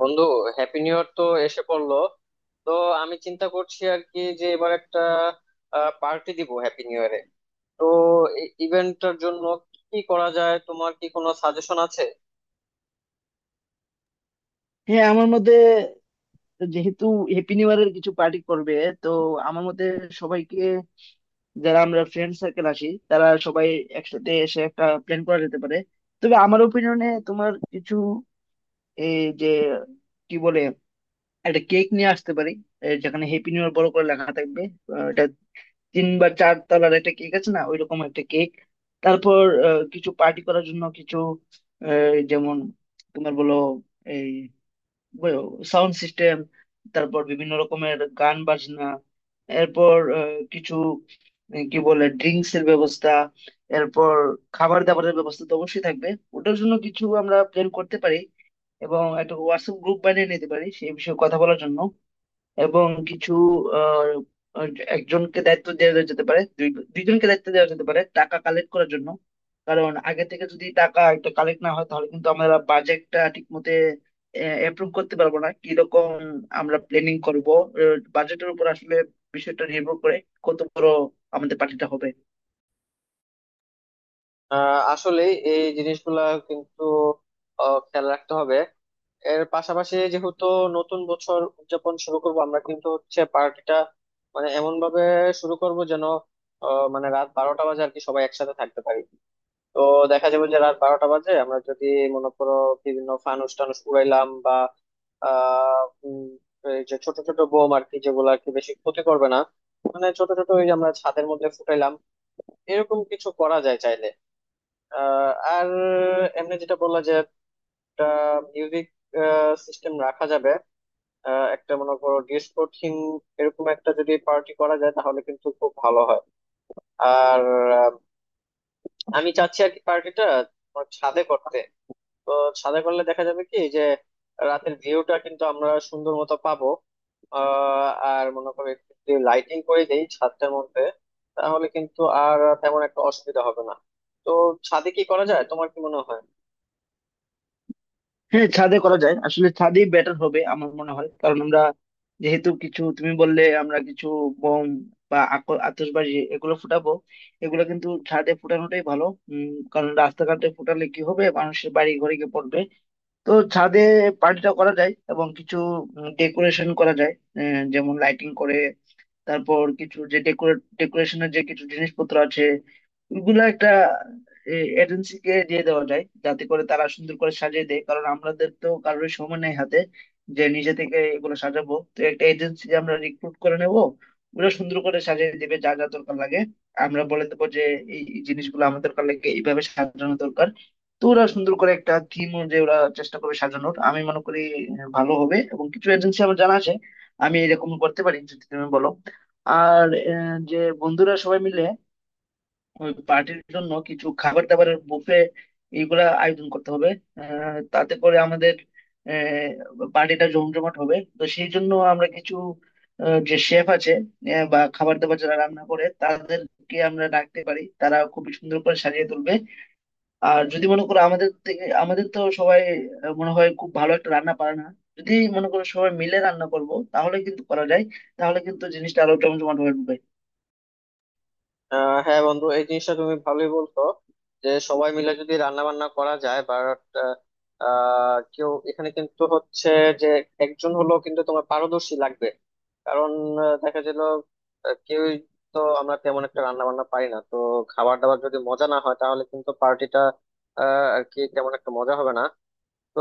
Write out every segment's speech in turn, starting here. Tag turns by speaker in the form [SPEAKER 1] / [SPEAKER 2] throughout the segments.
[SPEAKER 1] বন্ধু, happy new year তো এসে পড়লো। তো আমি চিন্তা করছি আর কি যে এবার একটা পার্টি দিব হ্যাপি নিউ ইয়ারে। তো এই ইভেন্টটার জন্য কি করা যায়, তোমার কি কোনো সাজেশন আছে?
[SPEAKER 2] হ্যাঁ আমার মতে যেহেতু হ্যাপি নিউ ইয়ারের কিছু পার্টি করবে, তো আমার মতে সবাইকে, যারা আমরা ফ্রেন্ড সার্কেল আসি তারা সবাই একসাথে এসে একটা প্ল্যান করা যেতে পারে। তবে আমার ওপিনিয়নে তোমার কিছু, এই যে কি বলে, একটা কেক নিয়ে আসতে পারি এই যেখানে হ্যাপি নিউ ইয়ার বড় করে লেখা থাকবে। এটা 3 বা 4 তলার একটা কেক আছে না, ওইরকম একটা কেক। তারপর কিছু পার্টি করার জন্য কিছু, যেমন তোমার বলো সাউন্ড সিস্টেম, তারপর বিভিন্ন রকমের গান বাজনা। এরপর কিছু, কি বলে, ড্রিঙ্কস এর ব্যবস্থা। এরপর খাবার দাবারের ব্যবস্থা তো অবশ্যই থাকবে, ওটার জন্য কিছু আমরা প্ল্যান করতে পারি। এবং একটা হোয়াটসঅ্যাপ গ্রুপ বানিয়ে নিতে পারি সেই বিষয়ে কথা বলার জন্য। এবং কিছু, আহ, আহ, একজনকে দায়িত্ব দেওয়া যেতে পারে, দুইজনকে দায়িত্ব দেওয়া যেতে পারে টাকা কালেক্ট করার জন্য। কারণ আগে থেকে যদি টাকা একটা কালেক্ট না হয়, তাহলে কিন্তু আমরা বাজেটটা ঠিক মতে অ্যাপ্রুভ করতে পারবো না। কিরকম আমরা প্ল্যানিং করব, বাজেটের উপর আসলে বিষয়টা নির্ভর করে, কত বড় আমাদের পার্টিটা হবে।
[SPEAKER 1] আসলে এই জিনিসগুলা কিন্তু খেয়াল রাখতে হবে। এর পাশাপাশি যেহেতু নতুন বছর উদযাপন শুরু করব আমরা, কিন্তু হচ্ছে পার্টিটা মানে এমন ভাবে শুরু করব যেন মানে রাত 12টা বাজে আর কি সবাই একসাথে থাকতে পারি। তো দেখা যাবে যে রাত 12টা বাজে আমরা যদি মনে করো বিভিন্ন ফানুস টানুস উড়াইলাম বা আহ উম, এই যে ছোট ছোট বোম আর কি, যেগুলো আর কি বেশি ক্ষতি করবে না, মানে ছোট ছোট, ওই যে আমরা ছাদের মধ্যে ফুটাইলাম, এরকম কিছু করা যায় চাইলে। আহ, আর এমনি যেটা বললা যে একটা মিউজিক সিস্টেম রাখা যাবে। একটা মনে করো ডিস্কো থিম, এরকম একটা যদি পার্টি করা যায় তাহলে কিন্তু খুব ভালো হয়। আর আহ, আমি চাচ্ছি আর কি পার্টিটা ছাদে করতে। তো ছাদে করলে দেখা যাবে কি যে রাতের ভিউটা কিন্তু আমরা সুন্দর মতো পাবো। আর মনে করি যদি লাইটিং করে দেই ছাদটার মধ্যে, তাহলে কিন্তু আর তেমন একটা অসুবিধা হবে না। তো ছাদে কি করা যায়, তোমার কি মনে হয়?
[SPEAKER 2] হ্যাঁ, ছাদে করা যায়, আসলে ছাদেই বেটার হবে আমার মনে হয়, কারণ আমরা যেহেতু কিছু তুমি বললে আমরা কিছু বোম বা আতশবাজি এগুলো ফুটাবো, এগুলো কিন্তু ছাদে ফুটানোটাই ভালো। কারণ রাস্তাঘাটে ফুটালে কি হবে, মানুষের বাড়ি ঘরে গিয়ে পড়বে। তো ছাদে পার্টিটা করা যায় এবং কিছু ডেকোরেশন করা যায়, যেমন লাইটিং করে। তারপর কিছু যে ডেকোরেশনের যে কিছু জিনিসপত্র আছে ওগুলা একটা এজেন্সিকে দিয়ে দেওয়া যায়, যাতে করে তারা সুন্দর করে সাজিয়ে দেয়, কারণ আমাদের তো কারোর সময় নেই হাতে যে নিজে থেকে এগুলো সাজাবো। তো একটা এজেন্সি আমরা রিক্রুট করে নেবো, ওগুলো সুন্দর করে সাজিয়ে দেবে যা যা দরকার লাগে। আমরা বলে দেবো যে এই এই জিনিসগুলো আমার দরকার লাগে, এইভাবে সাজানো দরকার। তো ওরা সুন্দর করে একটা থিম অনুযায়ী ওরা চেষ্টা করবে সাজানোর, আমি মনে করি ভালো হবে। এবং কিছু এজেন্সি আমার জানা আছে, আমি এরকম করতে পারি যদি তুমি বলো। আর যে বন্ধুরা সবাই মিলে ওই পার্টির জন্য কিছু খাবার দাবারের বুফে এইগুলা আয়োজন করতে হবে। তাতে করে আমাদের পার্টিটা জমজমাট হবে। তো সেই জন্য আমরা কিছু, যে শেফ আছে, বা খাবার দাবার যারা রান্না করে তাদেরকে আমরা ডাকতে পারি, তারা খুবই সুন্দর করে সাজিয়ে তুলবে। আর যদি মনে করো আমাদের তো সবাই মনে হয় খুব ভালো একটা রান্না পারে না। যদি মনে করো সবাই মিলে রান্না করব তাহলে কিন্তু করা যায়, তাহলে কিন্তু জিনিসটা আরো জমজমাট হবে।
[SPEAKER 1] হ্যাঁ বন্ধু, এই জিনিসটা তুমি ভালোই বলছো যে সবাই মিলে যদি রান্না বান্না করা যায়, বাট কেউ এখানে কিন্তু হচ্ছে যে একজন হলো কিন্তু তোমার পারদর্শী লাগবে। কারণ দেখা গেল কেউই, তো আমরা তেমন একটা রান্না বান্না পারি না, তো খাবার দাবার যদি মজা না হয় তাহলে কিন্তু পার্টিটা আর কি তেমন একটা মজা হবে না। তো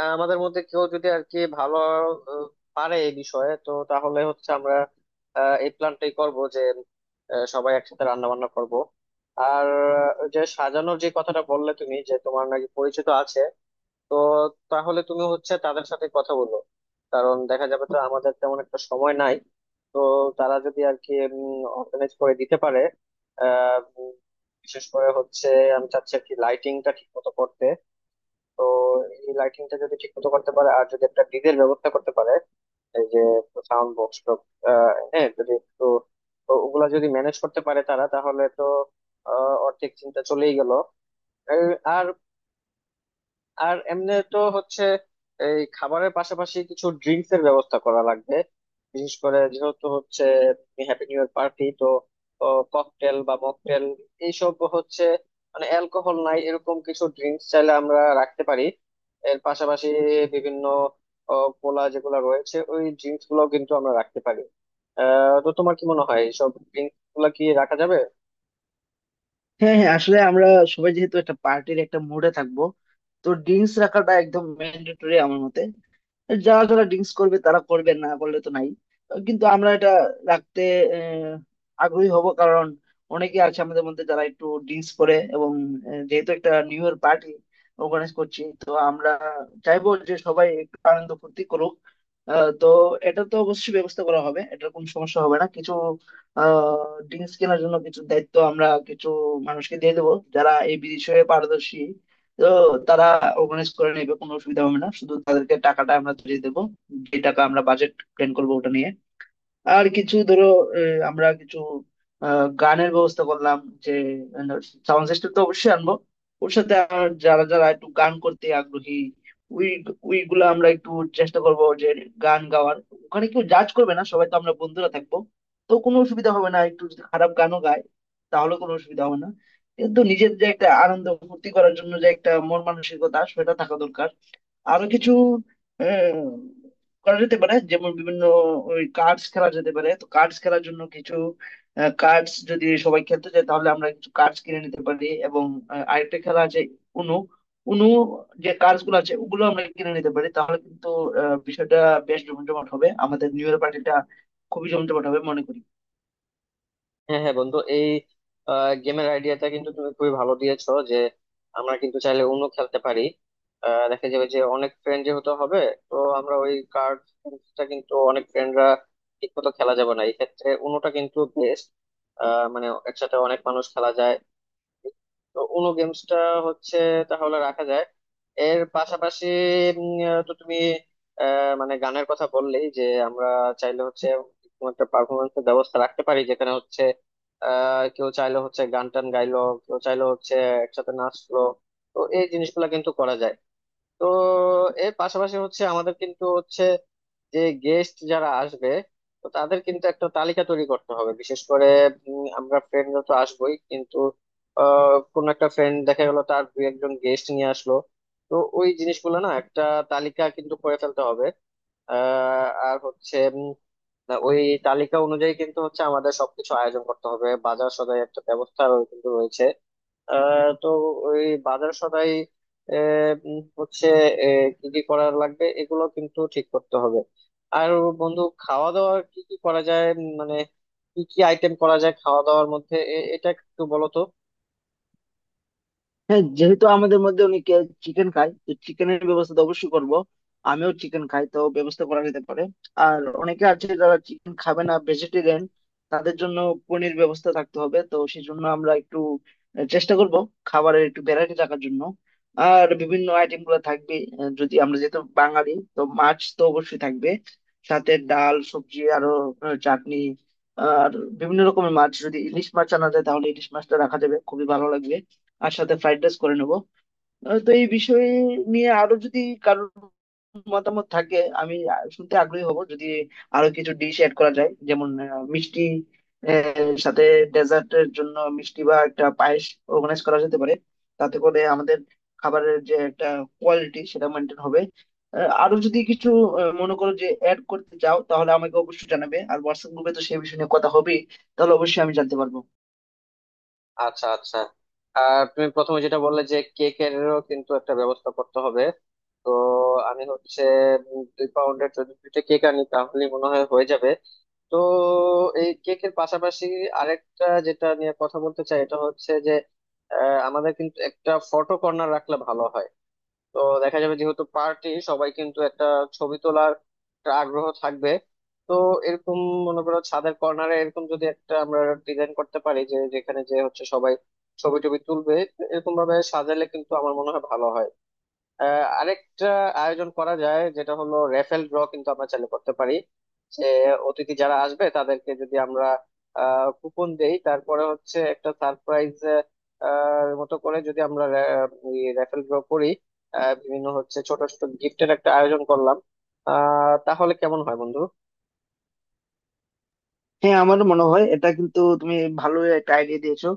[SPEAKER 1] আমাদের মধ্যে কেউ যদি আর কি ভালো আহ, পারে এই বিষয়ে, তো তাহলে হচ্ছে আমরা এই প্ল্যানটাই করব যে সবাই একসাথে রান্না বান্না করব। আর যে সাজানোর যে কথাটা বললে তুমি, যে তোমার নাকি পরিচিত আছে, তো তাহলে তুমি হচ্ছে তাদের সাথে কথা বলো। কারণ দেখা যাবে তো আমাদের তেমন একটা সময় নাই। তো তারা যদি আর কি অর্গানাইজ করে দিতে পারে। আহ, উম, বিশেষ করে হচ্ছে আমি চাচ্ছি আর কি লাইটিংটা ঠিক মতো করতে। তো এই লাইটিংটা যদি ঠিক মতো করতে পারে আর যদি একটা ডিজের ব্যবস্থা করতে পারে, এই যে সাউন্ড বক্স টক, হ্যাঁ যদি একটু, তো ওগুলা যদি ম্যানেজ করতে পারে তারা, তাহলে তো অর্ধেক চিন্তা চলেই গেল। আর আর এমনি তো হচ্ছে এই খাবারের পাশাপাশি কিছু ড্রিঙ্কস এর ব্যবস্থা করা লাগবে। বিশেষ করে যেহেতু হচ্ছে হ্যাপি নিউ ইয়ার পার্টি, তো ককটেল বা মকটেল, এইসব হচ্ছে মানে অ্যালকোহল নাই এরকম কিছু ড্রিঙ্কস চাইলে আমরা রাখতে পারি। এর পাশাপাশি বিভিন্ন ও, কোলা যেগুলো রয়েছে, ওই ড্রিঙ্কস গুলো কিন্তু আমরা রাখতে পারি। তো তোমার কি মনে হয় এইসব ড্রিঙ্কস গুলা কি রাখা যাবে?
[SPEAKER 2] হ্যাঁ, হ্যাঁ, আসলে আমরা সবাই যেহেতু একটা পার্টির একটা মুডে থাকবো, তো ড্রিঙ্কস রাখাটা একদম ম্যান্ডেটরি আমার মতে। যারা যারা ড্রিঙ্কস করবে তারা করবে, না করলে তো নাই, কিন্তু আমরা এটা রাখতে আহ, আগ্রহী হব, কারণ অনেকে আছে আমাদের মধ্যে যারা একটু ড্রিঙ্কস করে। এবং যেহেতু একটা নিউ ইয়ার পার্টি অর্গানাইজ করছি, তো আমরা চাইবো যে সবাই একটু আনন্দ ফুর্তি করুক। তো এটা তো অবশ্যই ব্যবস্থা করা হবে, এটার কোনো সমস্যা হবে না। কিছু ড্রিঙ্কস কেনার জন্য কিছু দায়িত্ব আমরা কিছু মানুষকে দিয়ে দেবো যারা এই বিষয়ে পারদর্শী। তো তারা অর্গানাইজ করে নেবে, কোনো অসুবিধা হবে না, শুধু তাদেরকে টাকাটা আমরা দিয়ে দেবো, যে টাকা আমরা বাজেট প্ল্যান করবো ওটা নিয়ে। আর কিছু ধরো, আমরা কিছু গানের ব্যবস্থা করলাম, যে সাউন্ড সিস্টেম তো অবশ্যই আনবো, ওর সাথে আর যারা যারা একটু গান করতে আগ্রহী উই উইগুলো আমরা একটু চেষ্টা করব যে গান গাওয়ার। ওখানে কেউ জাজ করবে না, সবাই তো আমরা বন্ধুরা থাকবো, তো কোনো অসুবিধা হবে না, একটু যদি খারাপ গানও গায় তাহলে কোনো অসুবিধা হবে না, কিন্তু নিজের যে একটা আনন্দ ফুর্তি করার জন্য যে একটা মন মানসিকতা সেটা থাকা দরকার। আরো কিছু আহ, করা যেতে পারে, যেমন বিভিন্ন ওই কার্ডস খেলা যেতে পারে। তো কার্ডস খেলার জন্য কিছু কার্ডস যদি সবাই খেলতে চায় তাহলে আমরা কিছু কার্ডস কিনে নিতে পারি। এবং আরেকটা খেলা আছে উনু উনু, যে কার্ডস গুলো আছে ওগুলো আমরা কিনে নিতে পারি, তাহলে কিন্তু বিষয়টা বেশ জমজমাট হবে আমাদের নিউ ইয়ার পার্টিটা, খুবই জমজমাট হবে মনে করি।
[SPEAKER 1] হ্যাঁ হ্যাঁ বন্ধু, এই গেমের আইডিয়াটা কিন্তু তুমি খুবই ভালো দিয়েছো যে আমরা কিন্তু চাইলে অন্য খেলতে পারি। দেখা যাবে যে অনেক ফ্রেন্ড যেহেতু হবে, তো আমরা ওই কার্ডটা কিন্তু অনেক ফ্রেন্ডরা ঠিক মতো খেলা যাবে না, এই ক্ষেত্রে অন্যটা কিন্তু বেস্ট, মানে একসাথে অনেক মানুষ খেলা যায়। তো উনো গেমসটা হচ্ছে তাহলে রাখা যায়। এর পাশাপাশি তো তুমি মানে গানের কথা বললেই যে আমরা চাইলে হচ্ছে কোনো একটা পারফরমেন্সের ব্যবস্থা রাখতে পারি, যেখানে হচ্ছে কেউ চাইলে হচ্ছে গান টান গাইলো, কেউ চাইলে হচ্ছে একসাথে নাচলো, তো এই জিনিসগুলো কিন্তু করা যায়। তো এর পাশাপাশি হচ্ছে আমাদের কিন্তু হচ্ছে যে গেস্ট যারা আসবে, তো তাদের কিন্তু একটা তালিকা তৈরি করতে হবে। বিশেষ করে আমরা ফ্রেন্ডরা তো আসবোই, কিন্তু কোনো একটা ফ্রেন্ড দেখা গেল তার দু একজন গেস্ট নিয়ে আসলো, তো ওই জিনিসগুলো না একটা তালিকা কিন্তু করে ফেলতে হবে। আর হচ্ছে ওই তালিকা অনুযায়ী কিন্তু হচ্ছে আমাদের সবকিছু আয়োজন করতে হবে, বাজার সদাই একটা ব্যবস্থা কিন্তু রয়েছে। তো ওই বাজার সদাই আহ, হচ্ছে কি কি করার লাগবে এগুলো কিন্তু ঠিক করতে হবে। আর বন্ধু, খাওয়া দাওয়া কি কি করা যায় মানে কি কি আইটেম করা যায় খাওয়া দাওয়ার মধ্যে এটা একটু বলো তো।
[SPEAKER 2] হ্যাঁ, যেহেতু আমাদের মধ্যে অনেকে চিকেন খায়, তো চিকেনের ব্যবস্থা তো অবশ্যই করবো, আমিও চিকেন খাই, তো ব্যবস্থা করা যেতে পারে। আর অনেকে আছে যারা চিকেন খাবে না, ভেজিটেরিয়ান, তাদের জন্য পনির ব্যবস্থা থাকতে হবে। তো সেই জন্য আমরা একটু চেষ্টা করব খাবারের একটু ভ্যারাইটি রাখার জন্য। আর বিভিন্ন আইটেম গুলো থাকবে, যদি আমরা যেহেতু বাঙালি তো মাছ তো অবশ্যই থাকবে, সাথে ডাল সবজি আরো চাটনি। আর বিভিন্ন রকমের মাছ, যদি ইলিশ মাছ আনা যায় তাহলে ইলিশ মাছটা রাখা যাবে, খুবই ভালো লাগবে। আর সাথে ফ্রাইড রাইস করে নেবো। তো এই বিষয়ে নিয়ে আরো যদি কারোর মতামত থাকে, আমি শুনতে আগ্রহী হব, যদি আরো কিছু ডিশ অ্যাড করা যায়, যেমন মিষ্টি, সাথে ডেজার্টের জন্য মিষ্টি বা একটা পায়েস অর্গানাইজ করা যেতে পারে। তাতে করে আমাদের খাবারের যে একটা কোয়ালিটি সেটা মেনটেন হবে। আরো যদি কিছু মনে করো যে অ্যাড করতে চাও তাহলে আমাকে অবশ্যই জানাবে, আর হোয়াটসঅ্যাপ গ্রুপে তো সেই বিষয়ে নিয়ে কথা হবেই, তাহলে অবশ্যই আমি জানতে পারবো।
[SPEAKER 1] আচ্ছা আচ্ছা। আর তুমি প্রথমে যেটা বললে যে কেকেরও কিন্তু একটা ব্যবস্থা করতে হবে, তো আমি হচ্ছে 2 পাউন্ডের যদি 2টা কেক আনি তাহলে মনে হয় হয়ে যাবে। তো এই কেকের পাশাপাশি আরেকটা যেটা নিয়ে কথা বলতে চাই এটা হচ্ছে যে আমাদের কিন্তু একটা ফটো কর্নার রাখলে ভালো হয়। তো দেখা যাবে যেহেতু পার্টি সবাই কিন্তু একটা ছবি তোলার একটা আগ্রহ থাকবে। তো এরকম মনে করো ছাদের কর্নারে এরকম যদি একটা আমরা ডিজাইন করতে পারি যে যেখানে যে হচ্ছে সবাই ছবি টবি তুলবে, এরকম ভাবে সাজালে কিন্তু আমার মনে হয় ভালো হয়। আরেকটা আয়োজন করা যায় যেটা হলো রেফেল ড্র, কিন্তু আমরা চালু করতে পারি যে অতিথি যারা আসবে তাদেরকে যদি আমরা কুপন দেই, তারপরে হচ্ছে একটা সারপ্রাইজ মতো করে যদি আমরা রেফেল ড্র করি, বিভিন্ন হচ্ছে ছোট ছোট গিফটের একটা আয়োজন করলাম। তাহলে কেমন হয় বন্ধু?
[SPEAKER 2] হ্যাঁ, আমারও মনে হয় এটা কিন্তু তুমি ভালো একটা আইডিয়া দিয়েছো,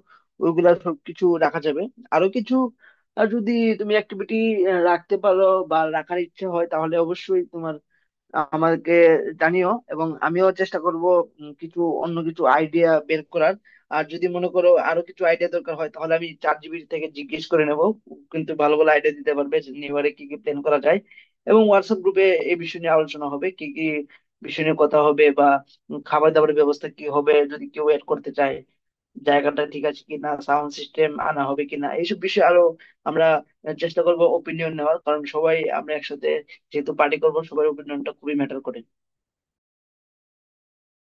[SPEAKER 2] ওইগুলা সবকিছু রাখা যাবে। আরো কিছু যদি তুমি অ্যাক্টিভিটি রাখতে পারো বা রাখার ইচ্ছে হয় তাহলে অবশ্যই তোমার আমাকে জানিও, এবং আমিও চেষ্টা করব কিছু অন্য কিছু আইডিয়া বের করার। আর যদি মনে করো আরো কিছু আইডিয়া দরকার হয় তাহলে আমি চ্যাট জিপিটি থেকে জিজ্ঞেস করে নেব, কিন্তু ভালো ভালো আইডিয়া দিতে পারবে যে নিউ ইয়ারে কি কি প্ল্যান করা যায়। এবং হোয়াটসঅ্যাপ গ্রুপে এই বিষয় নিয়ে আলোচনা হবে কি কি বিষয় নিয়ে কথা হবে, বা খাবার দাবারের ব্যবস্থা কি হবে, যদি কেউ এড করতে চায়, জায়গাটা ঠিক আছে কিনা, সাউন্ড সিস্টেম আনা হবে কিনা, এইসব বিষয়ে আরো আমরা চেষ্টা করব ওপিনিয়ন নেওয়ার, কারণ সবাই আমরা একসাথে যেহেতু পার্টি করব, সবার ওপিনিয়নটা খুবই ম্যাটার করে।